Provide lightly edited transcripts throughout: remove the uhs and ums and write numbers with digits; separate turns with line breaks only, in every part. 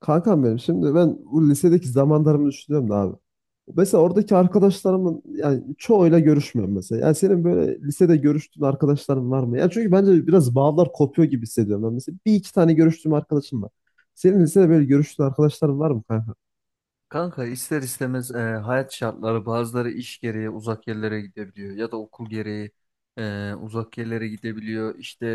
Kankam benim şimdi bu lisedeki zamanlarımı düşünüyorum da abi. Mesela oradaki arkadaşlarımın yani çoğuyla görüşmüyorum mesela. Yani senin böyle lisede görüştüğün arkadaşların var mı? Yani çünkü bence biraz bağlar kopuyor gibi hissediyorum ben mesela. Bir iki tane görüştüğüm arkadaşım var. Senin lisede böyle görüştüğün arkadaşların var mı kanka?
Kanka ister istemez hayat şartları bazıları iş gereği uzak yerlere gidebiliyor ya da okul gereği uzak yerlere gidebiliyor. İşte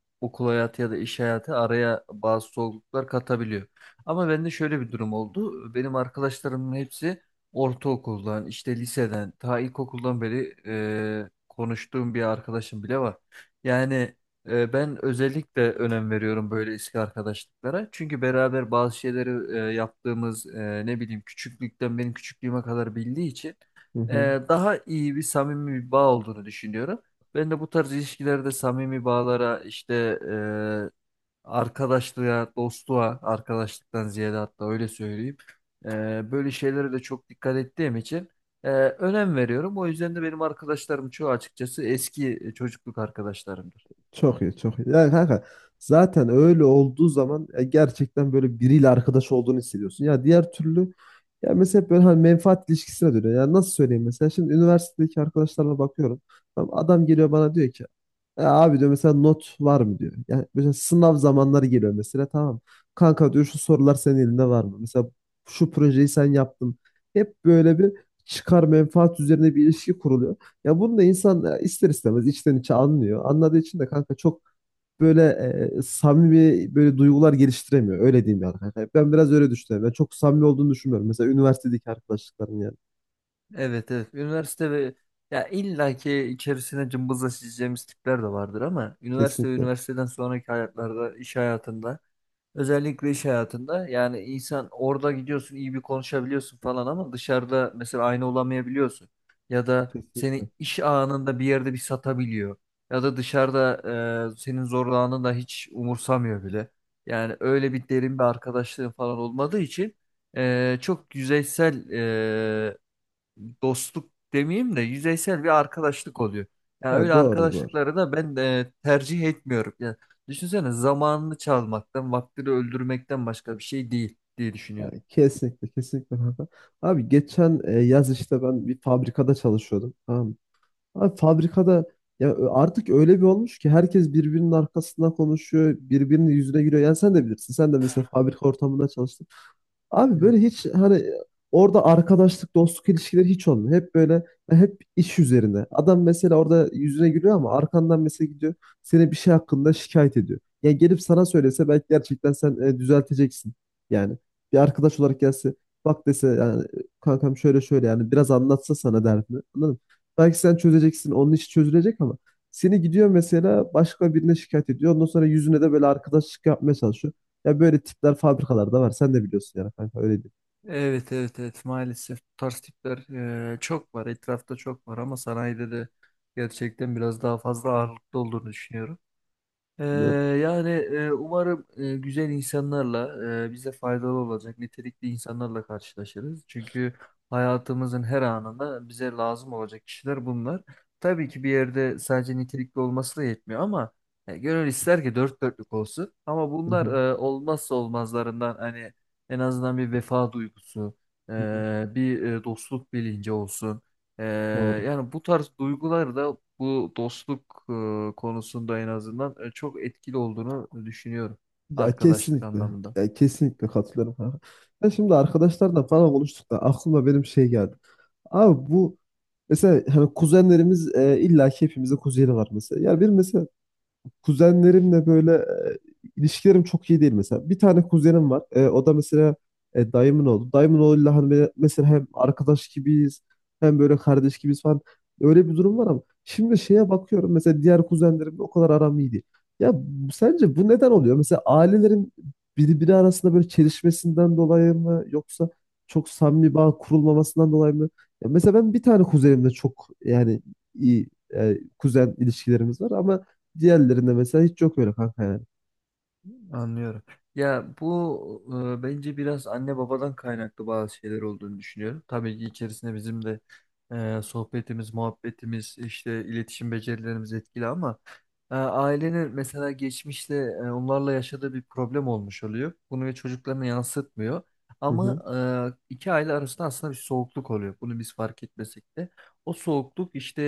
okul hayatı ya da iş hayatı araya bazı zorluklar katabiliyor. Ama bende şöyle bir durum oldu. Benim arkadaşlarımın hepsi ortaokuldan, işte liseden, ta ilkokuldan beri konuştuğum bir arkadaşım bile var. Yani Ben özellikle önem veriyorum böyle eski arkadaşlıklara. Çünkü beraber bazı şeyleri yaptığımız, ne bileyim küçüklükten benim küçüklüğüme kadar bildiği için
Hı hı.
e, daha iyi bir samimi bir bağ olduğunu düşünüyorum. Ben de bu tarz ilişkilerde samimi bağlara işte, arkadaşlığa, dostluğa, arkadaşlıktan ziyade hatta öyle söyleyeyim. Böyle şeylere de çok dikkat ettiğim için önem veriyorum. O yüzden de benim arkadaşlarım çoğu açıkçası eski çocukluk arkadaşlarımdır.
Çok iyi, çok iyi. Yani kanka zaten öyle olduğu zaman gerçekten böyle biriyle arkadaş olduğunu hissediyorsun. Ya diğer türlü, ya mesela hep böyle hani menfaat ilişkisine dönüyor. Yani nasıl söyleyeyim, mesela şimdi üniversitedeki arkadaşlarla bakıyorum. Tamam, adam geliyor bana diyor ki "E abi, diyor, mesela not var mı diyor." Yani mesela sınav zamanları geliyor mesela, tamam. "Kanka, diyor, şu sorular senin elinde var mı?" Mesela şu projeyi sen yaptın. Hep böyle bir çıkar menfaat üzerine bir ilişki kuruluyor. Ya bunu da insan ister istemez içten içe anlıyor. Anladığı için de kanka çok böyle samimi böyle duygular geliştiremiyor. Öyle diyeyim yani kanka. Ben biraz öyle düşünüyorum. Ben çok samimi olduğunu düşünmüyorum. Mesela üniversitedeki arkadaşlıklarım yani.
Evet, evet. Üniversite ve ya illaki içerisine cımbızla çizeceğimiz tipler de vardır, ama üniversite ve
Kesinlikle.
üniversiteden sonraki hayatlarda, iş hayatında, özellikle iş hayatında yani insan orada gidiyorsun, iyi bir konuşabiliyorsun falan, ama dışarıda mesela aynı olamayabiliyorsun. Ya da
Kesinlikle.
seni iş anında bir yerde bir satabiliyor. Ya da dışarıda senin zorlananı da hiç umursamıyor bile. Yani öyle bir derin bir arkadaşlığın falan olmadığı için çok yüzeysel dostluk demeyeyim de yüzeysel bir arkadaşlık oluyor. Yani
Ha,
öyle
doğru doğru.
arkadaşlıkları da ben tercih etmiyorum. Yani düşünsene, zamanını çalmaktan, vaktini öldürmekten başka bir şey değil diye düşünüyorum.
Yani kesinlikle kesinlikle kanka. Abi geçen yaz işte ben bir fabrikada çalışıyordum. Tamam mı? Abi fabrikada ya artık öyle bir olmuş ki herkes birbirinin arkasından konuşuyor, birbirinin yüzüne gülüyor. Yani sen de bilirsin. Sen de mesela fabrika ortamında çalıştın. Abi böyle
Evet.
hiç hani orada arkadaşlık, dostluk ilişkileri hiç olmuyor. Hep böyle, hep iş üzerine. Adam mesela orada yüzüne gülüyor ama arkandan mesela gidiyor, seni bir şey hakkında şikayet ediyor. Ya gelip sana söylese belki gerçekten sen düzelteceksin. Yani bir arkadaş olarak gelse, bak dese yani, kankam şöyle şöyle yani biraz anlatsa sana derdini. Anladın mı? Belki sen çözeceksin, onun işi çözülecek ama seni gidiyor mesela başka birine şikayet ediyor. Ondan sonra yüzüne de böyle arkadaşlık yapmaya çalışıyor. Ya böyle tipler fabrikalarda var. Sen de biliyorsun yani kanka, öyle değil.
Evet, evet, evet, maalesef bu tarz tipler çok var etrafta, çok var, ama sanayide de gerçekten biraz daha fazla ağırlıklı olduğunu düşünüyorum. Ee, yani, umarım güzel insanlarla, bize faydalı olacak nitelikli insanlarla karşılaşırız. Çünkü hayatımızın her anında bize lazım olacak kişiler bunlar. Tabii ki bir yerde sadece nitelikli olması da yetmiyor, ama gönül ister ki dört dörtlük olsun. Ama
Hı
bunlar
hı.
olmazsa olmazlarından, hani en azından bir vefa duygusu,
Hı hı.
e, bir dostluk bilinci olsun. Ee,
Doğru.
yani bu tarz duygular da bu dostluk konusunda en azından çok etkili olduğunu düşünüyorum
Ya
arkadaşlık
kesinlikle.
anlamında.
Ya kesinlikle katılıyorum kanka. Ben şimdi arkadaşlarla falan konuştuk da aklıma benim şey geldi. Abi bu mesela hani kuzenlerimiz, illa ki hepimizin kuzeni var mesela. Ya bir mesela kuzenlerimle böyle ilişkilerim çok iyi değil mesela. Bir tane kuzenim var. E, o da mesela dayımın oğlu. Dayımın oğluyla hani böyle mesela hem arkadaş gibiyiz, hem böyle kardeş gibiyiz falan. Öyle bir durum var ama şimdi şeye bakıyorum, mesela diğer kuzenlerimle o kadar aram iyi değil. Ya sence bu neden oluyor? Mesela ailelerin birbiri arasında böyle çelişmesinden dolayı mı, yoksa çok samimi bağ kurulmamasından dolayı mı? Ya mesela ben bir tane kuzenimle çok yani iyi kuzen ilişkilerimiz var ama diğerlerinde mesela hiç yok öyle kanka yani.
Anlıyorum. Ya bu, bence biraz anne babadan kaynaklı bazı şeyler olduğunu düşünüyorum. Tabii ki içerisinde bizim de sohbetimiz, muhabbetimiz, işte iletişim becerilerimiz etkili, ama ailenin mesela geçmişte onlarla yaşadığı bir problem olmuş oluyor. Bunu çocuklarına yansıtmıyor.
Hı
Ama
hı.
iki aile arasında aslında bir soğukluk oluyor. Bunu biz fark etmesek de. O soğukluk işte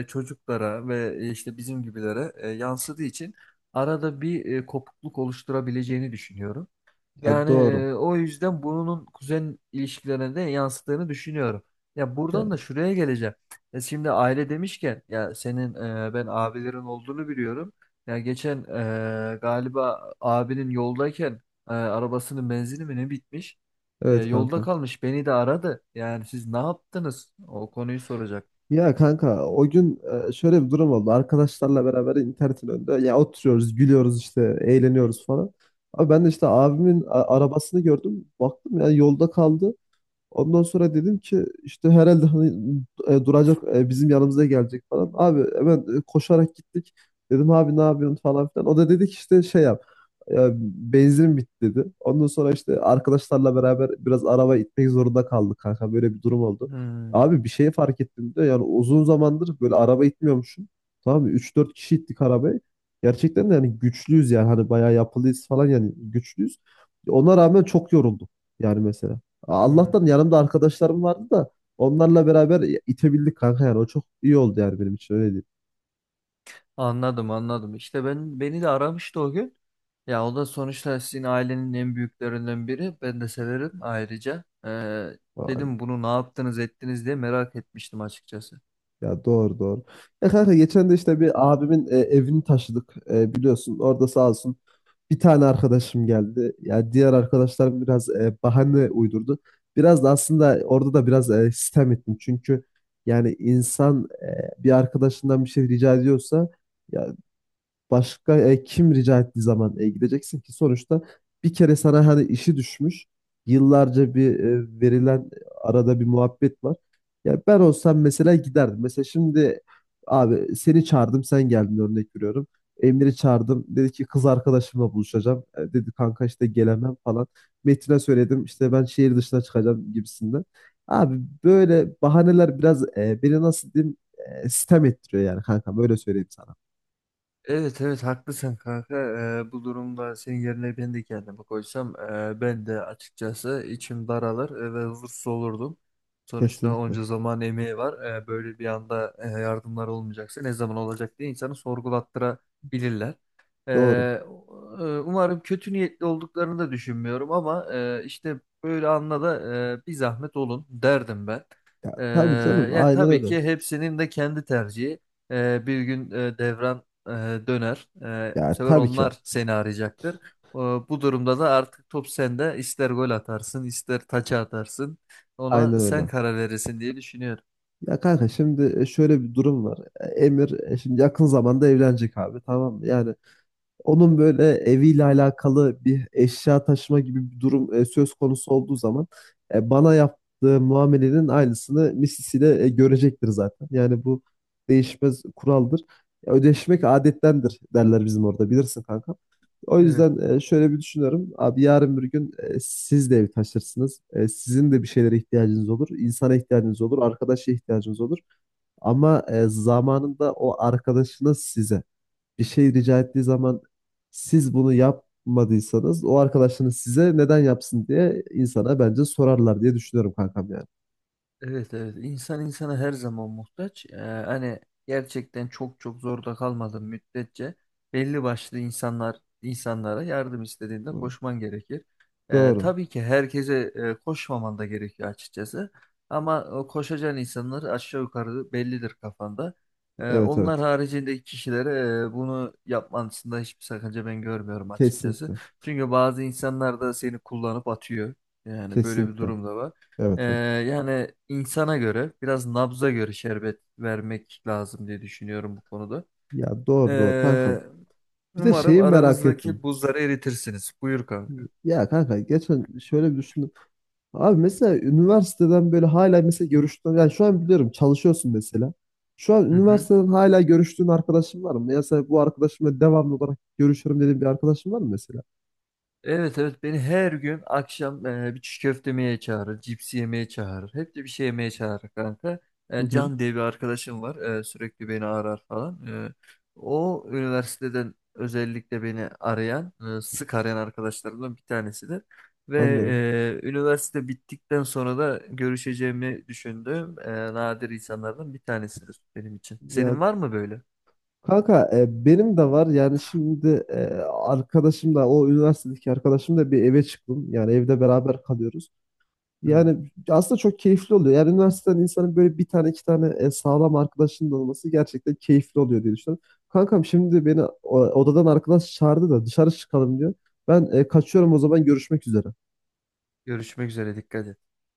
çocuklara ve işte bizim gibilere yansıdığı için arada bir kopukluk oluşturabileceğini düşünüyorum.
Ya
Yani
doğru.
o yüzden bunun kuzen ilişkilerine de yansıttığını düşünüyorum. Ya buradan da
Ya
şuraya geleceğim. Ya şimdi aile demişken, ya senin, ben abilerin olduğunu biliyorum. Ya geçen galiba abinin yoldayken arabasının benzini mi ne bitmiş?
evet
Yolda
kanka.
kalmış, beni de aradı. Yani siz ne yaptınız? O konuyu soracak.
Ya kanka o gün şöyle bir durum oldu. Arkadaşlarla beraber internetin önünde ya oturuyoruz, gülüyoruz işte, eğleniyoruz falan. Abi ben de işte abimin arabasını gördüm. Baktım ya yolda kaldı. Ondan sonra dedim ki işte herhalde hani duracak, bizim yanımıza gelecek falan. Abi hemen koşarak gittik. Dedim abi ne yapıyorsun falan filan. O da dedi ki işte şey yap. e, Benzin bitti dedi. Ondan sonra işte arkadaşlarla beraber biraz araba itmek zorunda kaldık kanka. Böyle bir durum oldu.
Hmm,
Abi bir şey fark ettim de, yani uzun zamandır böyle araba itmiyormuşum. Tamam mı? 3-4 kişi ittik arabayı. Gerçekten de yani güçlüyüz, yani hani bayağı yapılıyız falan, yani güçlüyüz. Ona rağmen çok yoruldum yani mesela.
hmm.
Allah'tan yanımda arkadaşlarım vardı da onlarla beraber itebildik kanka. Yani o çok iyi oldu yani benim için, öyle değil.
Anladım, anladım. İşte ben, beni de aramıştı o gün. Ya o da sonuçta sizin ailenin en büyüklerinden biri. Ben de severim ayrıca.
Vay.
Dedim bunu ne yaptınız ettiniz diye merak etmiştim açıkçası.
Ya doğru doğru. Ya kanka geçen de işte bir abimin evini taşıdık. E, biliyorsun orada sağ olsun bir tane arkadaşım geldi. Ya diğer arkadaşlarım biraz bahane uydurdu. Biraz da aslında orada da biraz sistem ettim çünkü yani insan bir arkadaşından bir şey rica ediyorsa, ya başka kim rica ettiği zaman gideceksin ki sonuçta bir kere sana hani işi düşmüş. Yıllarca bir verilen arada bir muhabbet var. Ya ben olsam mesela giderdim. Mesela şimdi abi seni çağırdım sen geldin, örnek veriyorum. Emre'yi çağırdım. Dedi ki kız arkadaşımla buluşacağım. E, dedi kanka işte gelemem falan. Metin'e söyledim işte ben şehir dışına çıkacağım gibisinden. Abi böyle bahaneler biraz beni nasıl diyeyim sitem ettiriyor yani kanka, böyle söyleyeyim sana.
Evet, evet, haklısın kanka. Bu durumda senin yerine ben de kendimi koysam, ben de açıkçası içim daralır ve huzursuz olurdum. Sonuçta
Kesinlikle.
onca zaman emeği var. E, böyle bir anda yardımlar olmayacaksa ne zaman olacak diye insanı sorgulattırabilirler.
Doğru.
E, umarım kötü niyetli olduklarını da düşünmüyorum, ama işte böyle anla da bir zahmet olun derdim ben.
Ya
E,
tabii canım,
ya
aynen
tabii
öyle.
ki hepsinin de kendi tercihi. Bir gün devran e, döner. E, bu
Ya
sefer
tabii ki
onlar seni arayacaktır. E, bu durumda da artık top sende. İster gol atarsın, ister taça atarsın.
aynen
Ona sen
öyle.
karar verirsin diye düşünüyorum.
Ya kanka şimdi şöyle bir durum var. E, Emir şimdi yakın zamanda evlenecek abi, tamam mı? Yani onun böyle eviyle alakalı bir eşya taşıma gibi bir durum söz konusu olduğu zaman bana yaptığı muamelenin aynısını misisiyle görecektir zaten. Yani bu değişmez kuraldır. Ya, ödeşmek adettendir derler bizim orada, bilirsin kanka. O
Evet.
yüzden şöyle bir düşünüyorum. Abi yarın bir gün siz de ev taşırsınız. E, sizin de bir şeylere ihtiyacınız olur. İnsana ihtiyacınız olur. Arkadaşa ihtiyacınız olur. Ama zamanında o arkadaşınız size bir şey rica ettiği zaman, siz bunu yapmadıysanız o arkadaşınız size neden yapsın diye insana bence sorarlar diye düşünüyorum kankam yani.
Evet, evet, insan insana her zaman muhtaç. Hani gerçekten çok çok zorda kalmadığın müddetçe belli başlı insanlar insanlara yardım istediğinde
Doğru.
koşman gerekir.
Doğru.
Tabii ki herkese koşmaman da gerekiyor açıkçası. Ama o koşacağın insanlar aşağı yukarı bellidir kafanda.
Evet
Onlar
evet.
haricindeki kişilere bunu yapmasında hiçbir sakınca ben görmüyorum açıkçası.
Kesinlikle.
Çünkü bazı insanlar da seni kullanıp atıyor. Yani böyle bir
Kesinlikle.
durum da var. Ee,
Evet evet.
yani insana göre biraz nabza göre şerbet vermek lazım diye düşünüyorum bu konuda.
Ya doğru doğru kankam.
Ee,
Bir de
umarım
şeyi merak ettim.
aranızdaki buzları eritirsiniz. Buyur kanka.
Ya kanka geçen şöyle bir düşündüm. Abi mesela üniversiteden böyle hala mesela görüştüğün, yani şu an biliyorum çalışıyorsun mesela. Şu an
Hı hı.
üniversiteden hala görüştüğün arkadaşın var mı? Mesela bu arkadaşımla devamlı olarak görüşürüm dediğin bir arkadaşın var mı mesela?
Evet, evet, beni her gün akşam bir çiğ köfte yemeye çağırır, cips yemeye çağırır. Hep de bir şey yemeye çağırır kanka.
Hı
E,
hı,
Can diye bir arkadaşım var. Sürekli beni arar falan. E, o üniversiteden özellikle beni arayan, sık arayan arkadaşlarımdan bir tanesidir. Ve
anladım.
üniversite bittikten sonra da görüşeceğimi düşündüğüm nadir insanlardan bir tanesidir benim için.
Ya
Senin var mı böyle?
kanka benim de var yani şimdi arkadaşım da, o üniversitedeki arkadaşım da, bir eve çıktım. Yani evde beraber kalıyoruz.
Hı.
Yani aslında çok keyifli oluyor. Yani üniversiteden insanın böyle bir tane iki tane sağlam arkadaşının olması gerçekten keyifli oluyor diye düşünüyorum. Kankam şimdi beni odadan arkadaş çağırdı da dışarı çıkalım diyor. Ben kaçıyorum o zaman, görüşmek üzere.
Görüşmek üzere, dikkat et.